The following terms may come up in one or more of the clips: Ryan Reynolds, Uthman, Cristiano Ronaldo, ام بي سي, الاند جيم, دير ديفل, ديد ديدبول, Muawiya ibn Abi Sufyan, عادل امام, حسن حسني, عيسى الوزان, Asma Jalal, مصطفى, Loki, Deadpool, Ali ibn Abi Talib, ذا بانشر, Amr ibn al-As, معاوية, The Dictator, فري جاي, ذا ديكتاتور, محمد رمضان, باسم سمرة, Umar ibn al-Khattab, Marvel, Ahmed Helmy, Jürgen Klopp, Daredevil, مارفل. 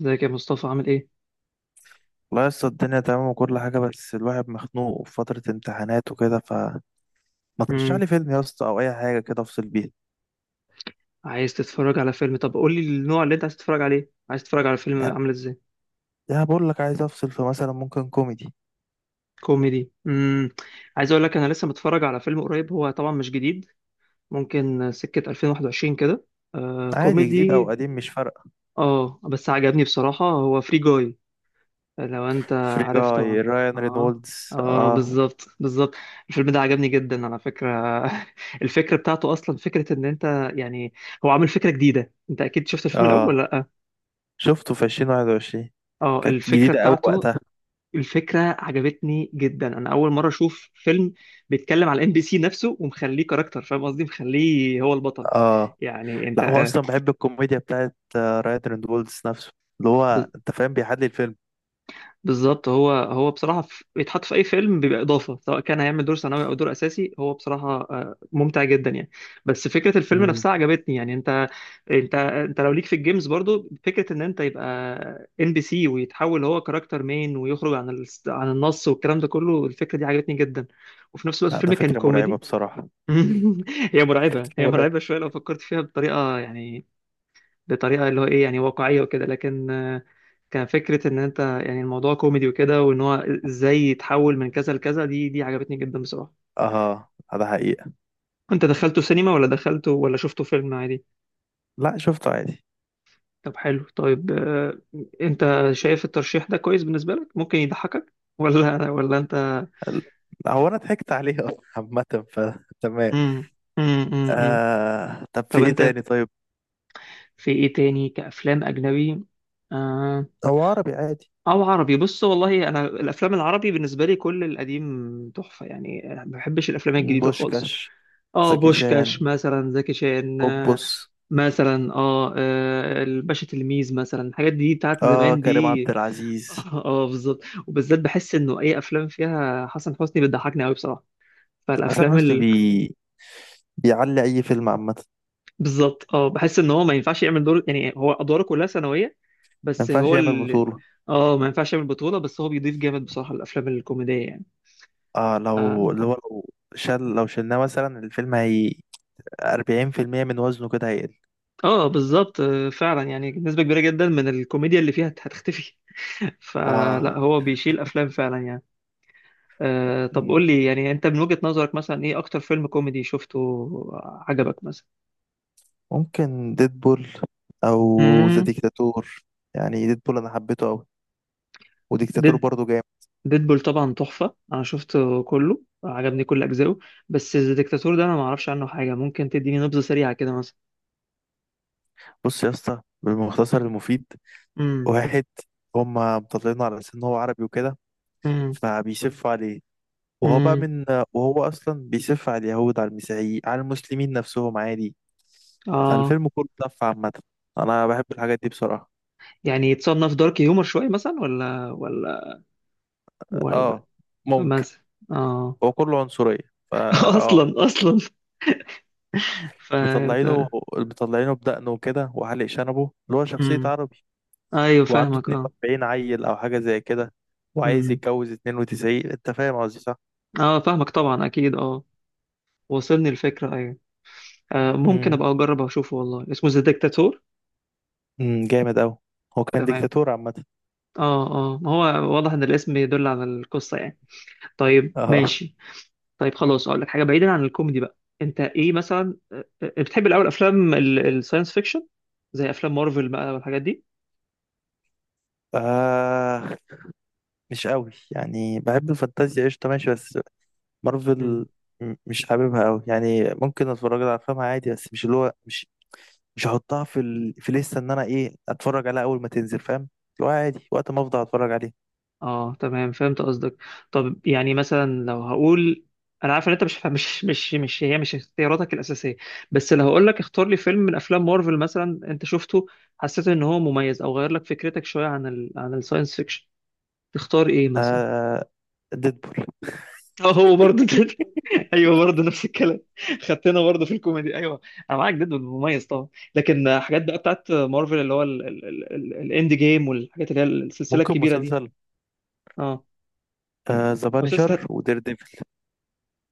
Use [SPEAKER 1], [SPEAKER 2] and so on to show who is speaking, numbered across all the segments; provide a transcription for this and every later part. [SPEAKER 1] ازيك يا مصطفى عامل ايه؟
[SPEAKER 2] والله لسه الدنيا تمام وكل حاجة، بس الواحد مخنوق في فترة امتحانات وكده. فما ترشح
[SPEAKER 1] مم.
[SPEAKER 2] لي فيلم يا اسطى أو أي حاجة كده أفصل بيها؟
[SPEAKER 1] عايز تتفرج على فيلم؟ طب قول لي النوع اللي انت عايز تتفرج عليه، عايز تتفرج على فيلم
[SPEAKER 2] لا،
[SPEAKER 1] عامل ازاي؟
[SPEAKER 2] ده بقول لك عايز أفصل في، مثلا ممكن كوميدي.
[SPEAKER 1] كوميدي. مم. عايز اقول لك انا لسه متفرج على فيلم قريب، هو طبعا مش جديد، ممكن سكة 2021 كده.
[SPEAKER 2] عادي، جديد
[SPEAKER 1] كوميدي.
[SPEAKER 2] أو قديم مش فارقة.
[SPEAKER 1] اه بس عجبني بصراحة، هو فري جاي. لو انت
[SPEAKER 2] فري
[SPEAKER 1] عارف
[SPEAKER 2] جاي
[SPEAKER 1] طبعا.
[SPEAKER 2] رايان
[SPEAKER 1] اه
[SPEAKER 2] رينولدز،
[SPEAKER 1] اه
[SPEAKER 2] آه.
[SPEAKER 1] بالظبط بالظبط. الفيلم ده عجبني جدا على فكرة. الفكرة بتاعته اصلا فكرة ان انت هو عامل فكرة جديدة. انت اكيد شفت الفيلم
[SPEAKER 2] آه،
[SPEAKER 1] الاول.
[SPEAKER 2] شفته في 2021.
[SPEAKER 1] اه
[SPEAKER 2] كانت
[SPEAKER 1] الفكرة
[SPEAKER 2] جديدة أوي
[SPEAKER 1] بتاعته،
[SPEAKER 2] وقتها.
[SPEAKER 1] الفكرة عجبتني جدا. انا اول مرة اشوف فيلم بيتكلم على ام بي سي نفسه ومخليه كاركتر، فاهم قصدي، مخليه هو البطل.
[SPEAKER 2] آه.
[SPEAKER 1] يعني انت
[SPEAKER 2] لا، هو أصلا بحب الكوميديا بتاعت رايان رينولدز نفسه، اللي هو أنت فاهم بيحلي الفيلم.
[SPEAKER 1] بالظبط. هو بصراحة، بيتحط في أي فيلم بيبقى إضافة، سواء كان هيعمل دور ثانوي أو دور أساسي. هو بصراحة ممتع جدا يعني. بس فكرة الفيلم
[SPEAKER 2] مم.
[SPEAKER 1] نفسها عجبتني. يعني أنت لو ليك في الجيمز برضو فكرة إن أنت يبقى إن بي سي، ويتحول هو كاركتر مين، ويخرج عن عن النص والكلام ده كله. الفكرة دي عجبتني جدا، وفي نفس الوقت
[SPEAKER 2] لا، ده
[SPEAKER 1] الفيلم كان
[SPEAKER 2] فكرة مرعبة
[SPEAKER 1] كوميدي.
[SPEAKER 2] بصراحة.
[SPEAKER 1] هي مرعبة، هي
[SPEAKER 2] مرعب.
[SPEAKER 1] مرعبة شوية لو فكرت فيها بطريقة يعني بطريقه اللي هو ايه، يعني واقعيه وكده. لكن كان فكره ان انت يعني الموضوع كوميدي وكده، وان هو ازاي يتحول من كذا لكذا. دي عجبتني جدا بصراحه.
[SPEAKER 2] اه، ده حقيقة.
[SPEAKER 1] انت دخلته سينما، ولا دخلته، ولا شفته فيلم عادي؟
[SPEAKER 2] لا، شفته عادي.
[SPEAKER 1] طب حلو. طيب انت شايف الترشيح ده كويس بالنسبه لك؟ ممكن يضحكك ولا انت؟
[SPEAKER 2] ال- هو انا ضحكت عليه اصلا عامة، فتمام.
[SPEAKER 1] امم امم امم
[SPEAKER 2] طب في
[SPEAKER 1] طب
[SPEAKER 2] ايه
[SPEAKER 1] انت
[SPEAKER 2] تاني؟ طيب.
[SPEAKER 1] في ايه تاني كافلام اجنبي؟ آه.
[SPEAKER 2] هو عربي عادي.
[SPEAKER 1] او عربي. بص والله انا الافلام العربي بالنسبه لي كل القديم تحفه، يعني ما بحبش الافلام الجديده خالص.
[SPEAKER 2] بوشكاش.
[SPEAKER 1] اه
[SPEAKER 2] زكي
[SPEAKER 1] بوشكاش
[SPEAKER 2] شان.
[SPEAKER 1] مثلا، زكي شان،
[SPEAKER 2] بوبوس.
[SPEAKER 1] مثلا الباشا تلميذ مثلا، الحاجات دي بتاعت
[SPEAKER 2] اه،
[SPEAKER 1] زمان
[SPEAKER 2] كريم عبد
[SPEAKER 1] دي.
[SPEAKER 2] العزيز.
[SPEAKER 1] بالظبط. وبالذات بحس انه اي افلام فيها حسن حسني بتضحكني قوي بصراحه.
[SPEAKER 2] حسن
[SPEAKER 1] فالافلام
[SPEAKER 2] حسني
[SPEAKER 1] ال...
[SPEAKER 2] بيعلي اي فيلم عامة.
[SPEAKER 1] بالظبط. اه بحس ان هو ما ينفعش يعمل دور، يعني هو ادواره كلها ثانويه،
[SPEAKER 2] ما
[SPEAKER 1] بس
[SPEAKER 2] ينفعش
[SPEAKER 1] هو
[SPEAKER 2] يعمل
[SPEAKER 1] ال...
[SPEAKER 2] بطولة.
[SPEAKER 1] اه ما ينفعش يعمل بطوله. بس هو بيضيف جامد بصراحه الافلام الكوميديه يعني.
[SPEAKER 2] اه، لو
[SPEAKER 1] آه،
[SPEAKER 2] اللي هو لو شل لو شلناه مثلا الفيلم، هي 40% من وزنه كده هيقل.
[SPEAKER 1] اه بالظبط فعلا، يعني نسبة كبيرة جدا من الكوميديا اللي فيها هتختفي. فلا،
[SPEAKER 2] اه،
[SPEAKER 1] هو بيشيل افلام فعلا يعني. آه. طب
[SPEAKER 2] م-
[SPEAKER 1] قول لي، يعني انت من وجهة نظرك مثلا ايه اكتر فيلم كوميدي شفته عجبك مثلا؟
[SPEAKER 2] ممكن ديدبول، او ذا
[SPEAKER 1] امم.
[SPEAKER 2] ديكتاتور. يعني ديدبول انا حبيته قوي، وديكتاتور
[SPEAKER 1] ديد
[SPEAKER 2] برضو.
[SPEAKER 1] ديدبول طبعا تحفة. انا شفته كله، عجبني كل اجزائه. بس ذا ديكتاتور ده انا ما اعرفش عنه حاجة، ممكن تديني نبذة سريعة كده مثلا؟
[SPEAKER 2] بص يا اسطى، بالمختصر المفيد.
[SPEAKER 1] امم
[SPEAKER 2] واحد. هما مطلعينه على أساس إن هو عربي وكده،
[SPEAKER 1] امم
[SPEAKER 2] فبيسف عليه. وهو بقى
[SPEAKER 1] امم
[SPEAKER 2] من. وهو أصلا بيسف على اليهود، على المسيحيين، على المسلمين نفسهم عادي.
[SPEAKER 1] اه
[SPEAKER 2] فالفيلم كله سف عامة. أنا بحب الحاجات دي بصراحة.
[SPEAKER 1] يعني يتصنف دارك هيومر شوية مثلا؟ ولا ولا ولا
[SPEAKER 2] اه، ممكن.
[SPEAKER 1] مثلا اه.
[SPEAKER 2] هو كله عنصرية، فا اه
[SPEAKER 1] اصلا اصلا. ف
[SPEAKER 2] مطلعينه مطلعينه بدقنه وكده وحالق شنبه، اللي هو شخصية
[SPEAKER 1] امم.
[SPEAKER 2] عربي.
[SPEAKER 1] ايوه
[SPEAKER 2] وعنده
[SPEAKER 1] فاهمك اه.
[SPEAKER 2] 42 عيل أو حاجة زي كده، وعايز
[SPEAKER 1] امم.
[SPEAKER 2] يتجوز 92. أنت فاهم قصدي، صح؟
[SPEAKER 1] اه فاهمك طبعا اكيد اه. وصلني الفكره ايوه. آه، ممكن
[SPEAKER 2] مم.
[SPEAKER 1] ابقى اجرب اشوفه. والله اسمه ذا ديكتاتور؟
[SPEAKER 2] جامد أوي. هو كان
[SPEAKER 1] تمام.
[SPEAKER 2] ديكتاتور عامة.
[SPEAKER 1] اه. اه ما هو واضح ان الاسم يدل على القصه يعني. طيب
[SPEAKER 2] اه
[SPEAKER 1] ماشي. طيب خلاص اقول لك حاجه بعيدا عن الكوميدي بقى. انت ايه مثلا، بتحب الاول افلام الساينس فيكشن، زي افلام مارفل بقى والحاجات
[SPEAKER 2] آه مش قوي، يعني بحب الفانتازيا، قشطة ماشي. بس
[SPEAKER 1] دي؟
[SPEAKER 2] مارفل مش حاببها قوي، يعني ممكن اتفرج على افلامها عادي بس مش اللي هو مش. مش هحطها في لسه ان انا ايه اتفرج عليها اول ما تنزل، فاهم اللي هو عادي وقت ما افضل اتفرج عليه.
[SPEAKER 1] اه تمام، فهمت قصدك. طب يعني مثلا لو هقول، انا عارف ان انت مش مش اختياراتك الاساسيه، بس لو هقول لك اختار لي فيلم من افلام مارفل مثلا انت شفته حسيت ان هو مميز او غير لك فكرتك شويه عن عن الساينس فيكشن، تختار ايه مثلا؟
[SPEAKER 2] آه، ديدبول.
[SPEAKER 1] اه، هو برضه. ده. ايوه برضه نفس الكلام. خدتنا برضه في الكوميدي. ايوه انا معاك، جدا مميز طبعا. لكن حاجات بقى بتاعت مارفل اللي هو الاند جيم والحاجات اللي هي السلسله
[SPEAKER 2] ممكن
[SPEAKER 1] الكبيره دي.
[SPEAKER 2] مسلسل.
[SPEAKER 1] اه.
[SPEAKER 2] آه، ذا
[SPEAKER 1] او سلسله.
[SPEAKER 2] بانشر ودير ديفل.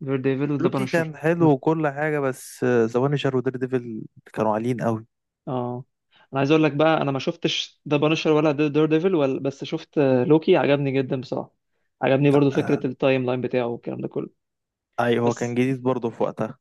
[SPEAKER 1] دير ديفل وذا
[SPEAKER 2] لوكي
[SPEAKER 1] بانشر.
[SPEAKER 2] كان حلو وكل حاجة، بس ذا بانشر ودير ديفل كانوا عاليين قوي.
[SPEAKER 1] اه انا عايز اقول لك بقى، انا ما شفتش ذا بانشر ولا دير ديفل ولا، بس شفت لوكي، عجبني جدا بصراحه. عجبني برضو
[SPEAKER 2] آه.
[SPEAKER 1] فكره التايم لاين بتاعه والكلام ده كله.
[SPEAKER 2] اي هو كان
[SPEAKER 1] بس
[SPEAKER 2] جديد برضه في وقتها.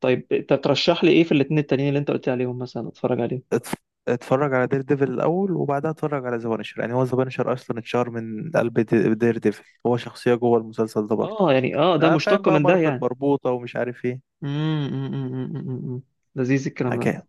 [SPEAKER 1] طيب انت ترشح لي ايه في الاتنين التانيين اللي انت قلت عليهم مثلا اتفرج عليهم؟
[SPEAKER 2] اتف- اتفرج على دير ديفل الاول وبعدها اتفرج على ذا بانشر. يعني هو ذا بانشر اصلا اتشهر من قلب دير ديفل، هو شخصيه جوه المسلسل ده برضه.
[SPEAKER 1] اه يعني ده
[SPEAKER 2] اه، فاهم
[SPEAKER 1] مشتق
[SPEAKER 2] بقى،
[SPEAKER 1] من ده
[SPEAKER 2] مارفل
[SPEAKER 1] يعني؟
[SPEAKER 2] مربوطه ومش عارف ايه.
[SPEAKER 1] امم. أمم، أمم، أمم، أمم. لذيذ الكلام ده.
[SPEAKER 2] حكايه.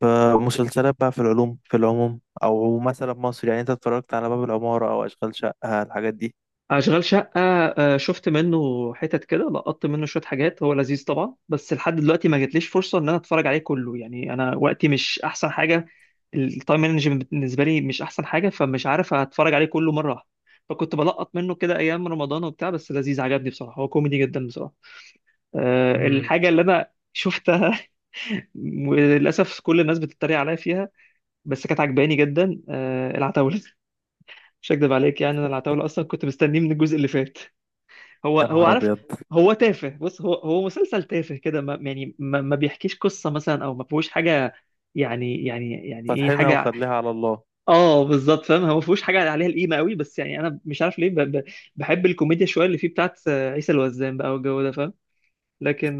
[SPEAKER 2] فمسلسلات بقى، في العموم، او مثلا مصر، يعني انت اتفرجت على باب العماره او اشغال شقه، الحاجات دي؟
[SPEAKER 1] اشغال شقه شفت منه حتت كده، لقطت منه شويه حاجات. هو لذيذ طبعا، بس لحد دلوقتي ما جاتليش فرصه ان انا اتفرج عليه كله. يعني انا وقتي مش احسن حاجه، التايم مانجمنت بالنسبه لي مش احسن حاجه، فمش عارف اتفرج عليه كله مره واحده. فكنت بلقط منه كده ايام رمضان وبتاع. بس لذيذ، عجبني بصراحه، هو كوميدي جدا بصراحه. أه
[SPEAKER 2] امم.
[SPEAKER 1] الحاجه اللي انا شفتها وللاسف كل الناس بتتريق عليا فيها، بس كانت عجباني جدا، أه، العتاوله. مش هكدب عليك يعني انا العتاوله اصلا كنت مستنيه من الجزء اللي فات. هو
[SPEAKER 2] يا
[SPEAKER 1] هو
[SPEAKER 2] نهار
[SPEAKER 1] عارف.
[SPEAKER 2] ابيض.
[SPEAKER 1] هو تافه، بص، هو مسلسل تافه كده، ما يعني ما بيحكيش قصة مثلا او ما فيهوش حاجة. يعني ايه
[SPEAKER 2] فاتحينها
[SPEAKER 1] حاجة.
[SPEAKER 2] وخليها على الله.
[SPEAKER 1] اه بالظبط، فاهم، هو ما فيهوش حاجة عليها القيمة قوي، بس يعني انا مش عارف ليه، ب ب بحب الكوميديا شوية اللي فيه بتاعت عيسى الوزان بقى والجو ده، فاهم.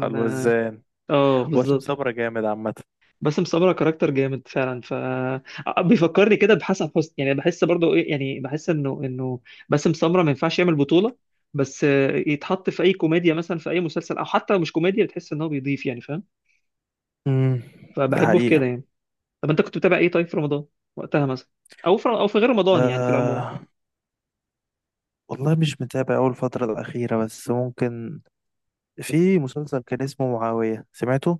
[SPEAKER 2] على الوزان. واشم
[SPEAKER 1] بالظبط.
[SPEAKER 2] صبرا جامد عامه.
[SPEAKER 1] باسم سمرة كاركتر جامد فعلا. ف آه، بيفكرني كده بحسن حسني، يعني بحس برضه ايه، يعني بحس انه باسم سمرة ما ينفعش يعمل بطولة، بس يتحط في اي كوميديا مثلا، في اي مسلسل او حتى لو مش كوميديا، بتحس ان هو بيضيف، يعني فاهم.
[SPEAKER 2] امم ده
[SPEAKER 1] فبحبه في كده
[SPEAKER 2] حقيقه.
[SPEAKER 1] يعني. طب انت كنت بتابع ايه طيب في رمضان وقتها مثلا، او في غير رمضان يعني في العموم؟
[SPEAKER 2] آه، والله مش متابع أول الفترة الأخيرة، بس ممكن في مسلسل كان اسمه معاوية، سمعته؟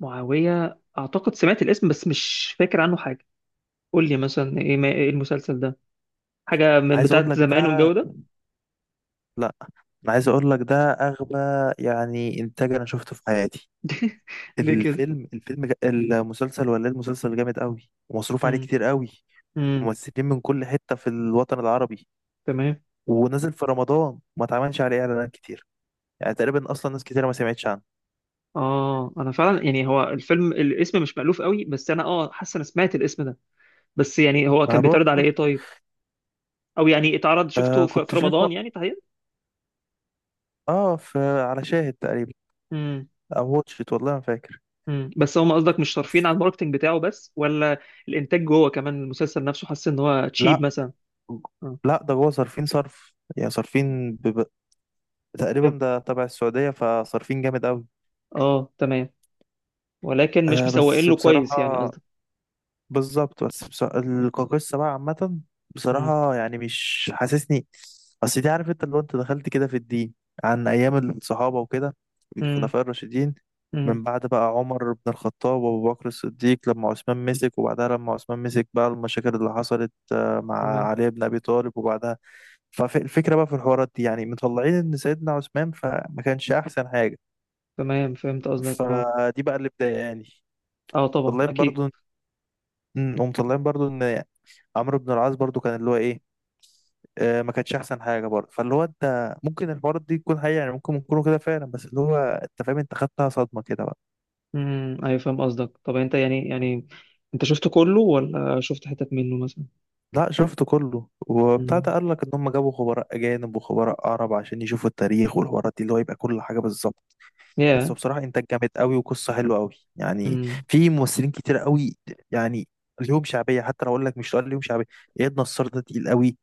[SPEAKER 1] معاوية، اعتقد سمعت الاسم بس مش فاكر عنه حاجة. قول لي مثلا ايه إيه المسلسل ده؟ حاجة من
[SPEAKER 2] عايز اقول
[SPEAKER 1] بتاعت
[SPEAKER 2] لك
[SPEAKER 1] زمان
[SPEAKER 2] ده
[SPEAKER 1] والجو ده؟
[SPEAKER 2] لا انا عايز اقول لك ده اغبى يعني انتاج انا شفته في حياتي.
[SPEAKER 1] ليه كده؟
[SPEAKER 2] المسلسل، ولا إيه، المسلسل جامد قوي ومصروف عليه
[SPEAKER 1] امم.
[SPEAKER 2] كتير قوي.
[SPEAKER 1] امم.
[SPEAKER 2] ممثلين من كل حتة في الوطن العربي،
[SPEAKER 1] تمام.
[SPEAKER 2] ونزل في رمضان وما اتعملش عليه اعلانات كتير. يعني تقريبا اصلا ناس كتير ما سمعتش عنه.
[SPEAKER 1] اه انا فعلا، يعني هو الفيلم الاسم مش مألوف قوي، بس انا اه حاسس انا سمعت الاسم ده. بس يعني هو
[SPEAKER 2] ما
[SPEAKER 1] كان بيتعرض على
[SPEAKER 2] بقول.
[SPEAKER 1] ايه طيب؟ او يعني اتعرض، شفته
[SPEAKER 2] آه،
[SPEAKER 1] في
[SPEAKER 2] كنت
[SPEAKER 1] في
[SPEAKER 2] شايفه.
[SPEAKER 1] رمضان يعني تحديدا؟
[SPEAKER 2] اه، في على شاهد تقريبا،
[SPEAKER 1] امم.
[SPEAKER 2] او واتشت والله ما فاكر.
[SPEAKER 1] امم. بس هم قصدك مش صارفين
[SPEAKER 2] بس.
[SPEAKER 1] على الماركتنج بتاعه بس، ولا الانتاج جوه كمان المسلسل نفسه حاسس ان هو تشيب
[SPEAKER 2] لا،
[SPEAKER 1] مثلا؟ اه.
[SPEAKER 2] لا، ده جوه صارفين صرف، يعني صارفين. تقريبا
[SPEAKER 1] طب-
[SPEAKER 2] ده تبع السعودية، فصارفين جامد قوي.
[SPEAKER 1] اه تمام، ولكن مش
[SPEAKER 2] آه،
[SPEAKER 1] مسوقين
[SPEAKER 2] بس
[SPEAKER 1] له
[SPEAKER 2] بصراحة.
[SPEAKER 1] كويس يعني قصدك.
[SPEAKER 2] بالظبط، بس بصراحة القاقصة بقى عامة،
[SPEAKER 1] امم.
[SPEAKER 2] بصراحة يعني مش حاسسني. أصل دي، عارف أنت لو أنت دخلت كده في الدين، عن أيام الصحابة وكده،
[SPEAKER 1] امم.
[SPEAKER 2] الخلفاء الراشدين.
[SPEAKER 1] امم.
[SPEAKER 2] من بعد بقى عمر بن الخطاب وأبو بكر الصديق، لما عثمان مسك. وبعدها لما عثمان مسك بقى المشاكل اللي حصلت مع
[SPEAKER 1] تمام،
[SPEAKER 2] علي بن أبي طالب وبعدها. فالفكرة بقى في الحوارات دي، يعني مطلعين إن سيدنا عثمان فما كانش أحسن حاجة.
[SPEAKER 1] تمام فهمت قصدك اه.
[SPEAKER 2] فدي بقى اللي بداية، يعني.
[SPEAKER 1] اه طبعا
[SPEAKER 2] طالعين
[SPEAKER 1] اكيد.
[SPEAKER 2] برضو. هم طالعين برضو ان عمرو بن العاص برضو كان اللي هو ايه، ما كانش احسن حاجه برضه. فاللي هو انت ممكن الحوارات دي تكون حقيقه، يعني ممكن يكونوا كده فعلا، بس اللي هو انت فاهم انت خدتها صدمه كده بقى.
[SPEAKER 1] امم. ايوه فاهم قصدك. طب انت انت شفت كله ولا شفت حتت منه مثلا؟
[SPEAKER 2] لا، شفته كله وبتاع ده.
[SPEAKER 1] امم.
[SPEAKER 2] قال لك ان هم جابوا خبراء اجانب وخبراء عرب عشان يشوفوا التاريخ والحوارات دي، اللي هو يبقى كل حاجه بالظبط. بس
[SPEAKER 1] يا.
[SPEAKER 2] هو بصراحه انتاج جامد قوي وقصه حلوه قوي يعني.
[SPEAKER 1] امم.
[SPEAKER 2] في ممثلين كتير قوي، يعني ليهم شعبيه. حتى لو اقول لك، مش هقول ليهم شعبيه، اياد نصار ده تقيل قوي.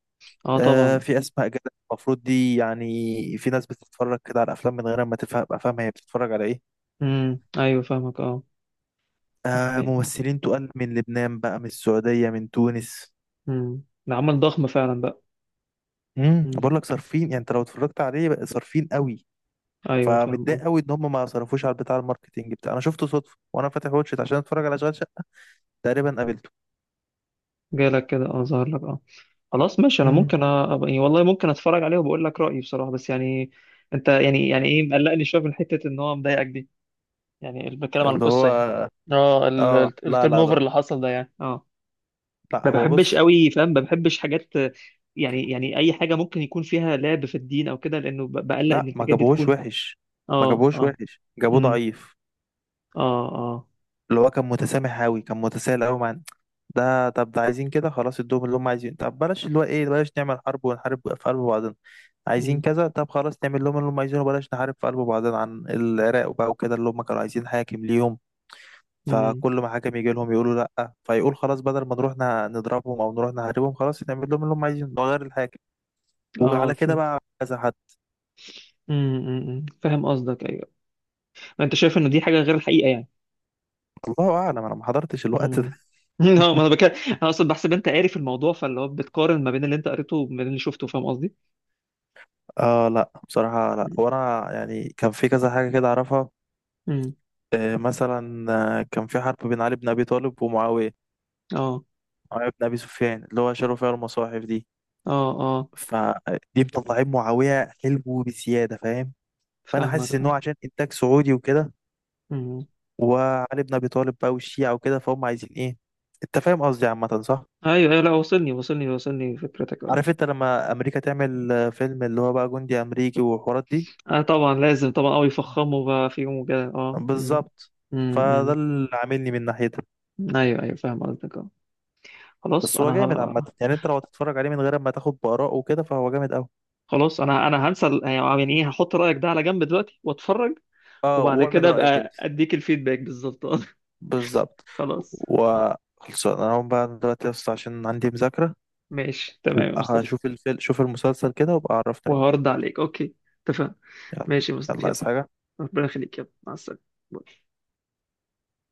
[SPEAKER 1] اه
[SPEAKER 2] آه،
[SPEAKER 1] طبعا.
[SPEAKER 2] في اسماء جلال. المفروض دي، يعني في ناس بتتفرج كده على الافلام من غير ما تفهم، ابقى فاهمه هي بتتفرج على ايه.
[SPEAKER 1] امم. ايوه فاهمك اه.
[SPEAKER 2] ممثلين تقال من لبنان بقى، من السعوديه، من تونس.
[SPEAKER 1] امم، ده عمل ضخم فعلا بقى. امم.
[SPEAKER 2] بقول لك صارفين، يعني انت لو اتفرجت عليه بقى صارفين قوي.
[SPEAKER 1] ايوه فاهم اه.
[SPEAKER 2] فمتضايق قوي ان هم ما صرفوش على بتاع الماركتينج بتاع. انا شفته صدفه، وانا فاتح واتشت عشان اتفرج على اشغال شقه، تقريبا قابلته.
[SPEAKER 1] جالك كده اه، ظهر لك اه. خلاص ماشي، انا
[SPEAKER 2] امم
[SPEAKER 1] ممكن يعني والله ممكن اتفرج عليه وبقول لك رايي بصراحه. بس يعني انت ايه مقلقني شويه من حته ان هو مضايقك دي، يعني بتكلم عن
[SPEAKER 2] اللي هو
[SPEAKER 1] القصه يعني؟ اه
[SPEAKER 2] اه لا،
[SPEAKER 1] التيرن
[SPEAKER 2] لا،
[SPEAKER 1] اوفر
[SPEAKER 2] لا.
[SPEAKER 1] اللي حصل ده يعني اه.
[SPEAKER 2] لا،
[SPEAKER 1] ما
[SPEAKER 2] هو
[SPEAKER 1] بحبش
[SPEAKER 2] بص.
[SPEAKER 1] قوي، فاهم، ما بحبش حاجات يعني، اي حاجه ممكن يكون فيها لعب في الدين او كده، لانه بقلق ان
[SPEAKER 2] لا، ما
[SPEAKER 1] الحاجات دي
[SPEAKER 2] جابوهوش
[SPEAKER 1] تكون.
[SPEAKER 2] وحش. ما
[SPEAKER 1] اه.
[SPEAKER 2] جابوهوش
[SPEAKER 1] اه.
[SPEAKER 2] وحش، جابوه
[SPEAKER 1] امم.
[SPEAKER 2] ضعيف.
[SPEAKER 1] اه اه.
[SPEAKER 2] اللي هو كان متسامح قوي، كان متساهل قوي مع. ده طب ده عايزين كده خلاص، ادوهم اللي هم عايزينه. طب بلاش اللي هو ايه، بلاش نعمل حرب ونحارب في قلب بعضنا. عايزين
[SPEAKER 1] امم.
[SPEAKER 2] كذا، طب خلاص نعمل لهم اللي هم عايزينه، بلاش نحارب في قلب بعضنا عن العراق وبقى وكده. اللي هم كانوا عايزين حاكم ليهم،
[SPEAKER 1] امم.
[SPEAKER 2] فكل ما حاكم يجي لهم يقولوا لا، فيقول خلاص بدل ما نروح نضربهم او نروح نحاربهم، خلاص نعمل لهم اللي هم عايزينه، نغير الحاكم.
[SPEAKER 1] اه
[SPEAKER 2] وعلى كده
[SPEAKER 1] فهمت.
[SPEAKER 2] بقى كذا حد.
[SPEAKER 1] امم. أمم، أمم. فاهم قصدك ايوه. ما انت شايف انه دي حاجه غير الحقيقه يعني.
[SPEAKER 2] الله اعلم، انا ما حضرتش الوقت ده.
[SPEAKER 1] امم. اه ما انا بكلم، انا اصلا بحسب انت قاري في الموضوع، فاللي هو بتقارن ما بين اللي انت قريته وما بين اللي شفته، فاهم قصدي.
[SPEAKER 2] اه، لا بصراحة، لا،
[SPEAKER 1] امم.
[SPEAKER 2] وانا يعني كان في كذا حاجة كده اعرفها.
[SPEAKER 1] أمم.
[SPEAKER 2] مثلا، كان في حرب بين علي بن ابي طالب ومعاوية،
[SPEAKER 1] اه.
[SPEAKER 2] معاوية بن أبي سفيان، اللي هو شالوا فيها المصاحف دي.
[SPEAKER 1] اه. اه
[SPEAKER 2] فدي، مطلعين معاوية حلمه بزيادة، فاهم. فأنا
[SPEAKER 1] فاهمك
[SPEAKER 2] حاسس إن
[SPEAKER 1] اه.
[SPEAKER 2] هو عشان إنتاج سعودي وكده.
[SPEAKER 1] أمم.
[SPEAKER 2] وعلي بن أبي طالب بقى والشيعة وكده، فهم عايزين إيه، أنت فاهم قصدي عامة، صح؟
[SPEAKER 1] ايوه ايوه، لا وصلني، فكرتك اه.
[SPEAKER 2] عارف أنت لما أمريكا تعمل فيلم اللي هو بقى جندي أمريكي والحوارات دي.
[SPEAKER 1] اه طبعا لازم طبعا، اه يفخموا بقى فيهم وكده اه. أمم،
[SPEAKER 2] بالظبط. فده
[SPEAKER 1] أمم،
[SPEAKER 2] اللي عاملني من ناحيتها.
[SPEAKER 1] أمم. ايوه ايوه فاهم قصدك اه. خلاص
[SPEAKER 2] بس هو
[SPEAKER 1] انا
[SPEAKER 2] جامد عامة
[SPEAKER 1] ه...
[SPEAKER 2] يعني، أنت لو هتتفرج عليه من غير ما تاخد بآراء وكده فهو جامد أوي.
[SPEAKER 1] خلاص انا هنسى يعني ايه، هحط رايك ده على جنب دلوقتي واتفرج،
[SPEAKER 2] أه،
[SPEAKER 1] وبعد
[SPEAKER 2] واعمل
[SPEAKER 1] كده
[SPEAKER 2] رأيك أنت.
[SPEAKER 1] ابقى اديك الفيدباك بالظبط آه.
[SPEAKER 2] بالظبط.
[SPEAKER 1] خلاص.
[SPEAKER 2] وخلصان، انا هقوم بقى دلوقتي بس عشان عندي مذاكرة.
[SPEAKER 1] ماشي تمام يا
[SPEAKER 2] وابقى
[SPEAKER 1] مصطفى،
[SPEAKER 2] هشوف الفيلم شوف المسلسل كده، وابقى عرفني رأيك.
[SPEAKER 1] وهرد عليك. اوكي، اتفقنا.
[SPEAKER 2] يلا.
[SPEAKER 1] ماشي يا
[SPEAKER 2] يلا،
[SPEAKER 1] مصطفى، يلا.
[SPEAKER 2] عايز حاجة؟
[SPEAKER 1] ربنا يخليك، يلا، مع السلامه. باي.